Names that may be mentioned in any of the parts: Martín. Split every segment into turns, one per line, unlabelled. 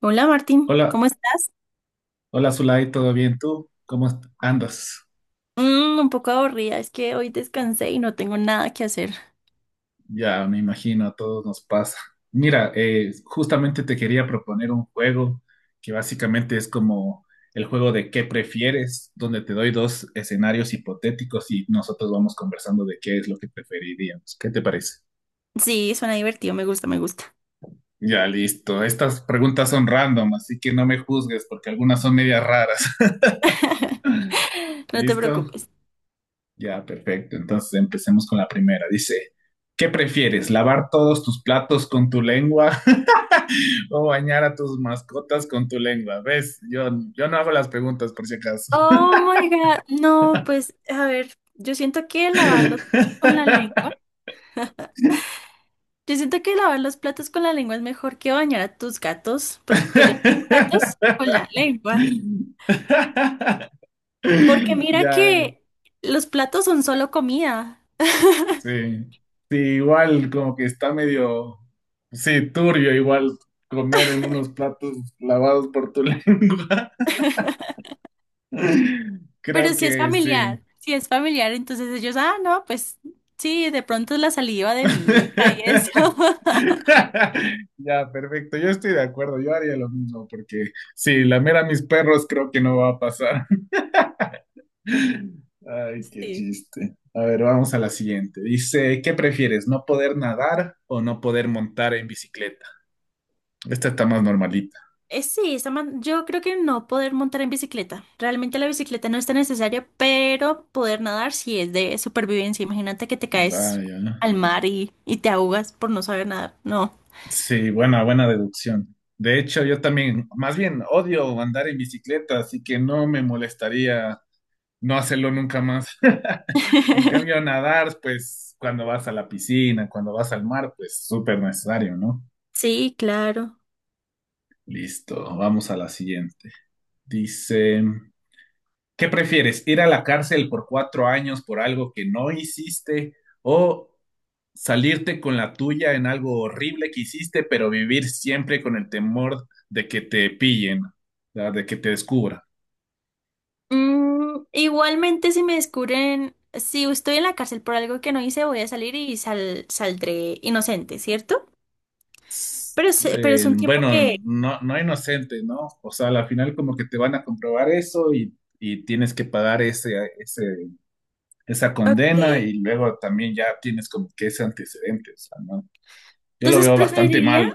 Hola Martín,
Hola,
¿cómo estás?
hola Zulay, ¿todo bien tú? ¿Cómo andas?
Un poco aburrida, es que hoy descansé y no tengo nada que hacer.
Ya me imagino, a todos nos pasa. Mira, justamente te quería proponer un juego que básicamente es como el juego de qué prefieres, donde te doy dos escenarios hipotéticos y nosotros vamos conversando de qué es lo que preferiríamos. ¿Qué te parece?
Sí, suena divertido, me gusta.
Ya, listo. Estas preguntas son random, así que no me juzgues porque algunas son medias raras.
No te
¿Listo?
preocupes.
Ya, perfecto. Entonces empecemos con la primera. Dice, ¿qué prefieres? ¿Lavar todos tus platos con tu lengua o bañar a tus mascotas con tu lengua? ¿Ves? Yo no hago las preguntas por si acaso.
Oh my God, no, pues a ver, yo siento que lavarlos con la lengua, yo siento que lavar los platos con la lengua es mejor que bañar a tus gatos, porque yo tengo gatos con la lengua. Porque mira
Ya,
que los platos son solo comida.
sí. Sí, igual como que está medio, sí, turbio igual comer en unos platos lavados por tu lengua.
Pero
Creo
si es
que sí.
familiar, si es familiar, entonces ellos, ah, no, pues sí, de pronto es la saliva de mi hija y eso.
Ya, perfecto. Yo estoy de acuerdo. Yo haría lo mismo porque sí, lamer a mis perros creo que no va a pasar. Ay, qué
Sí.
chiste. A ver, vamos a la siguiente. Dice, ¿qué prefieres? ¿No poder nadar o no poder montar en bicicleta? Esta está más normalita.
Sí, yo creo que no poder montar en bicicleta. Realmente la bicicleta no está necesaria, pero poder nadar sí es de supervivencia. Imagínate que te caes
Vaya.
al mar y te ahogas por no saber nadar. No.
Sí, buena, buena deducción. De hecho, yo también, más bien, odio andar en bicicleta, así que no me molestaría no hacerlo nunca más. En cambio, nadar, pues cuando vas a la piscina, cuando vas al mar, pues súper necesario, ¿no?
Sí, claro.
Listo, vamos a la siguiente. Dice, ¿qué prefieres? ¿Ir a la cárcel por cuatro años por algo que no hiciste o salirte con la tuya en algo horrible que hiciste, pero vivir siempre con el temor de que te pillen, ¿verdad? De que te descubran?
Igualmente, si me descubren, si estoy en la cárcel por algo que no hice, voy a salir y saldré inocente, ¿cierto? Pero es un tiempo
Bueno,
que...
no, no inocente, ¿no? O sea, al final como que te van a comprobar eso y tienes que pagar esa
Ok.
condena y luego también ya tienes como que ese antecedente, o sea, ¿no? Yo lo
Entonces
veo bastante
preferiría...
malo,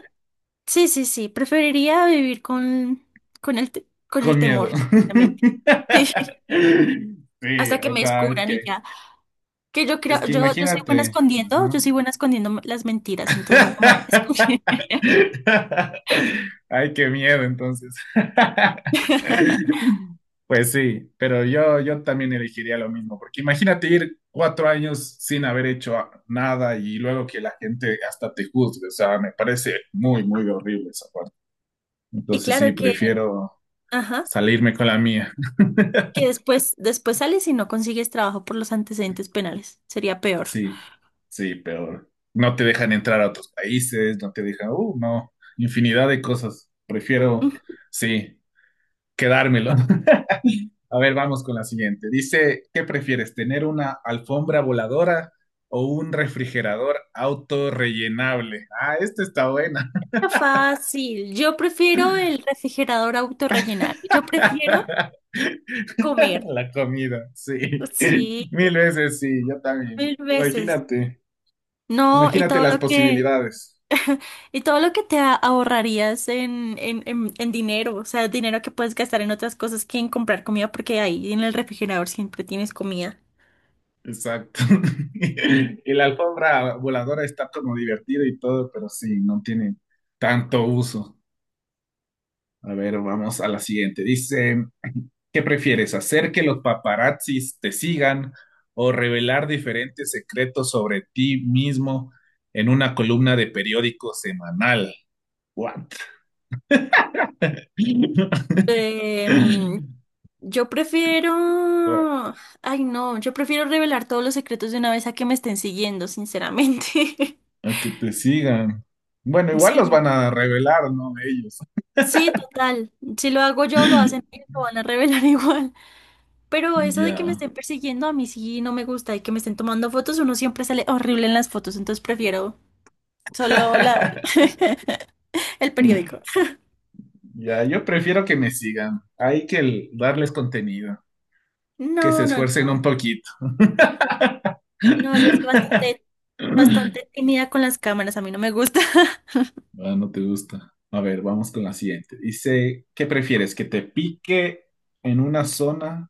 Sí, sí, sí. Preferiría vivir con el, con el
con
temor,
miedo.
exactamente. Sí.
Sí,
Hasta que
o
me
sea,
descubran y ya. Que yo creo,
es que
yo, soy buena
imagínate,
escondiendo, yo
ajá.
soy buena escondiendo las mentiras, entonces no me van a descubrir.
Ay, qué miedo entonces. Pues sí, pero yo también elegiría lo mismo, porque imagínate ir cuatro años sin haber hecho nada y luego que la gente hasta te juzgue, o sea, me parece muy, muy horrible esa parte.
Y
Entonces sí,
claro que,
prefiero
ajá,
salirme con la mía.
que después sales y no consigues trabajo por los antecedentes penales. Sería peor.
Sí, sí, pero no te dejan entrar a otros países, no te dejan, no, infinidad de cosas. Prefiero,
Mm,
sí, quedármelo. A ver, vamos con la siguiente. Dice, ¿qué prefieres, tener una alfombra voladora o un refrigerador autorrellenable? Ah, esta está buena.
Está fácil. Yo prefiero el refrigerador autorrellenable. Yo prefiero comer.
La comida, sí.
Sí,
Mil veces sí, yo también.
mil veces. No,
Imagínate las posibilidades.
y todo lo que ahorrarías en dinero, o sea, dinero que puedes gastar en otras cosas que en comprar comida, porque ahí en el refrigerador siempre tienes comida.
Exacto. Y la alfombra voladora está como divertida y todo, pero sí, no tiene tanto uso. A ver, vamos a la siguiente. Dice, ¿qué prefieres, hacer que los paparazzis te sigan o revelar diferentes secretos sobre ti mismo en una columna de periódico semanal? What?
Em, yo prefiero,
A
ay no, yo prefiero revelar todos los secretos de una vez a que me estén siguiendo, sinceramente.
a que te sigan. Bueno, igual los
Sí,
van a revelar, ¿no? Ellos.
sí, total. Si lo hago yo, lo hacen ellos, lo van a revelar igual. Pero eso de que me
Ya.
estén persiguiendo, a mí sí no me gusta. Y que me estén tomando fotos, uno siempre sale horrible en las fotos. Entonces prefiero solo la... el periódico.
Ya, yo prefiero que me sigan. Hay que darles contenido, que se
No, no, no.
esfuercen un poquito.
No, bastante tímida con las cámaras. A mí no me gusta.
Ah, no te gusta. A ver, vamos con la siguiente. Dice, ¿qué prefieres? ¿Que te pique en una zona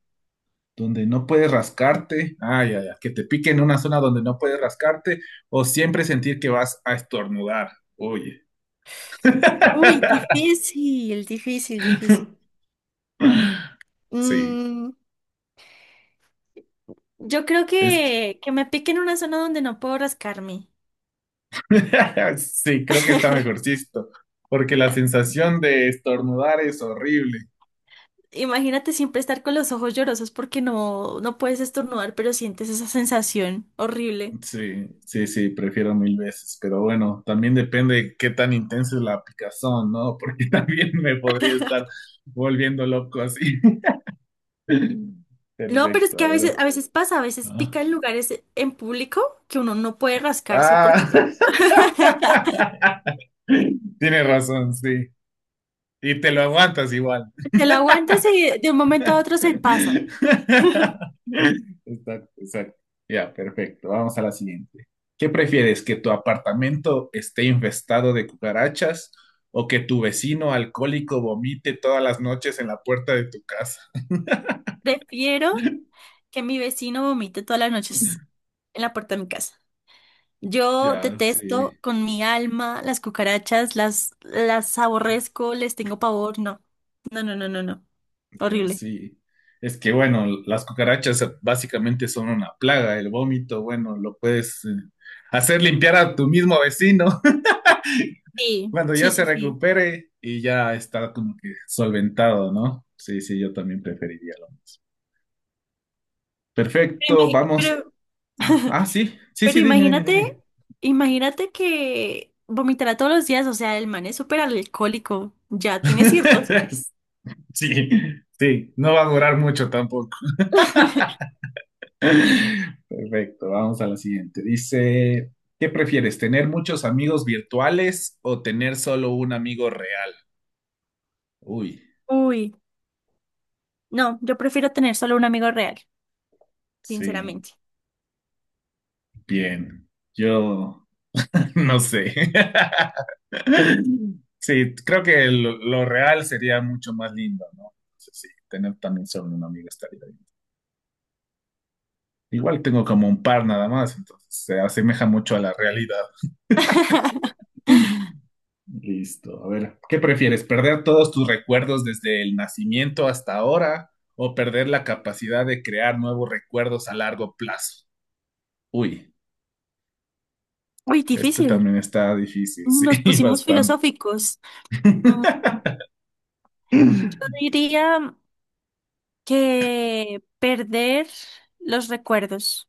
donde no puedes rascarte? Ah, ya, ya. ¿Que te pique en una zona donde no puedes rascarte? ¿O siempre sentir que vas a estornudar? Oye.
Uy, difícil, difícil, difícil.
Sí,
Mm, yo creo
es que...
que me pique en una zona donde no puedo rascarme.
sí, creo que está mejorcito. Porque la sensación de estornudar es horrible.
Imagínate siempre estar con los ojos llorosos porque no, no puedes estornudar, pero sientes esa sensación horrible.
Sí, sí, sí, prefiero mil veces, pero bueno, también depende qué tan intensa es la picazón, ¿no? Porque también me podría estar volviendo loco así.
No, pero es
Perfecto,
que
a ver.
a veces pasa, a veces
Ah,
pica en lugares en público que uno no puede rascarse porque
ah, tienes razón, sí. Y te lo aguantas igual.
te lo aguantas y de un momento a otro se pasa.
Exacto, exacto. Ya, perfecto. Vamos a la siguiente. ¿Qué prefieres, que tu apartamento esté infestado de cucarachas o que tu vecino alcohólico vomite todas las noches en la puerta de tu casa?
Prefiero que mi vecino vomite todas las noches en la puerta de mi casa. Yo
Ya,
detesto
sí,
con mi alma las cucarachas, las aborrezco, les tengo pavor, no. No, no, no, no, no.
ya,
Horrible.
sí. Es que, bueno, las cucarachas básicamente son una plaga. El vómito, bueno, lo puedes hacer limpiar a tu mismo vecino.
Sí,
Cuando ya
sí,
se
sí, sí.
recupere y ya está como que solventado, ¿no? Sí, sí, yo también preferiría lo mismo.
Pero,
Perfecto, vamos. Ah, ah, sí, sí,
pero
sí, dime, dime, dime.
imagínate, imagínate que vomitará todos los días, o sea, el man es súper alcohólico, ya tiene cirrosis.
Sí, sí, no va a durar mucho tampoco. Perfecto, vamos a la siguiente. Dice, ¿qué prefieres, tener muchos amigos virtuales o tener solo un amigo real? Uy,
Uy, no, yo prefiero tener solo un amigo real,
sí,
sinceramente.
bien. Yo no sé. Sí, creo que lo real sería mucho más lindo, ¿no? Entonces, sí, tener también solo una amiga estaría bien. Igual tengo como un par nada más, entonces se asemeja mucho a la realidad. Listo. A ver, ¿qué prefieres? ¿Perder todos tus recuerdos desde el nacimiento hasta ahora o perder la capacidad de crear nuevos recuerdos a largo plazo? Uy,
Uy,
este
difícil.
también está difícil, sí,
Nos pusimos
bastante.
filosóficos. Mm, Yo diría que perder los recuerdos.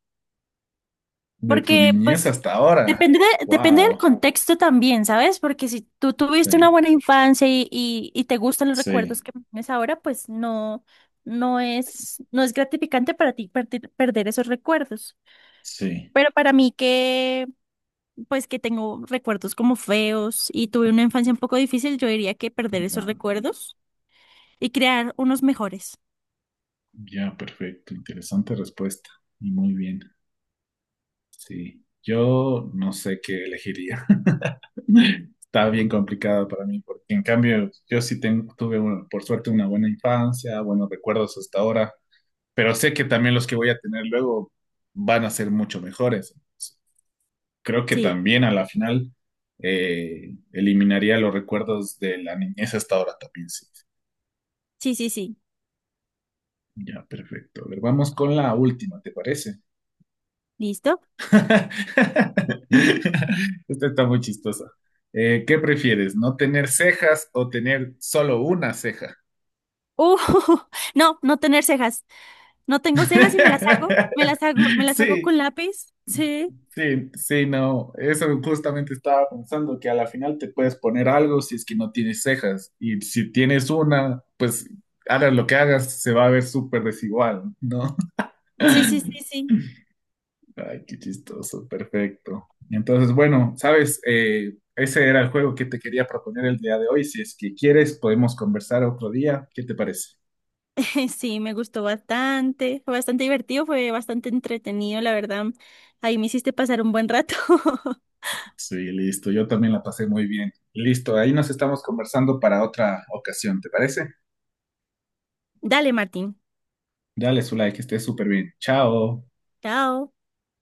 De tu
Porque,
niñez
pues,
hasta ahora.
depende del
Wow.
contexto también, ¿sabes? Porque si tú
Sí.
tuviste una buena infancia y te gustan los
Sí,
recuerdos que tienes ahora, pues no, no es gratificante para ti perder, perder esos recuerdos.
sí.
Pero para mí que, pues, que tengo recuerdos como feos y tuve una infancia un poco difícil, yo diría que perder esos
Ya,
recuerdos y crear unos mejores.
ya, perfecto. Interesante respuesta. Y muy bien. Sí. Yo no sé qué elegiría. Está bien complicado para mí, porque en cambio yo sí tuve, por suerte, una buena infancia, buenos recuerdos hasta ahora, pero sé que también los que voy a tener luego van a ser mucho mejores. Creo que
Sí,
también a la final eliminaría los recuerdos de la niñez hasta ahora también, sí.
sí, sí, sí.
Ya, perfecto. A ver, vamos con la última, ¿te parece?
¿Listo?
Esta está muy chistosa. ¿Qué prefieres? ¿No tener cejas o tener solo una ceja?
Uh, no, no tener cejas. No tengo cejas y me las hago
Sí,
con lápiz. Sí,
sí, sí, no. Eso justamente estaba pensando que a la final te puedes poner algo si es que no tienes cejas. Y si tienes una, pues hagas lo que hagas, se va a ver súper desigual, ¿no?
sí, sí, sí, sí.
Ay, qué chistoso, perfecto. Entonces, bueno, sabes, ese era el juego que te quería proponer el día de hoy. Si es que quieres, podemos conversar otro día. ¿Qué te parece?
Sí, me gustó bastante. Fue bastante divertido, fue bastante entretenido, la verdad. Ahí me hiciste pasar un buen rato.
Sí, listo. Yo también la pasé muy bien. Listo, ahí nos estamos conversando para otra ocasión, ¿te parece?
Dale, Martín.
Dale su like, esté súper bien. Chao.
Chao.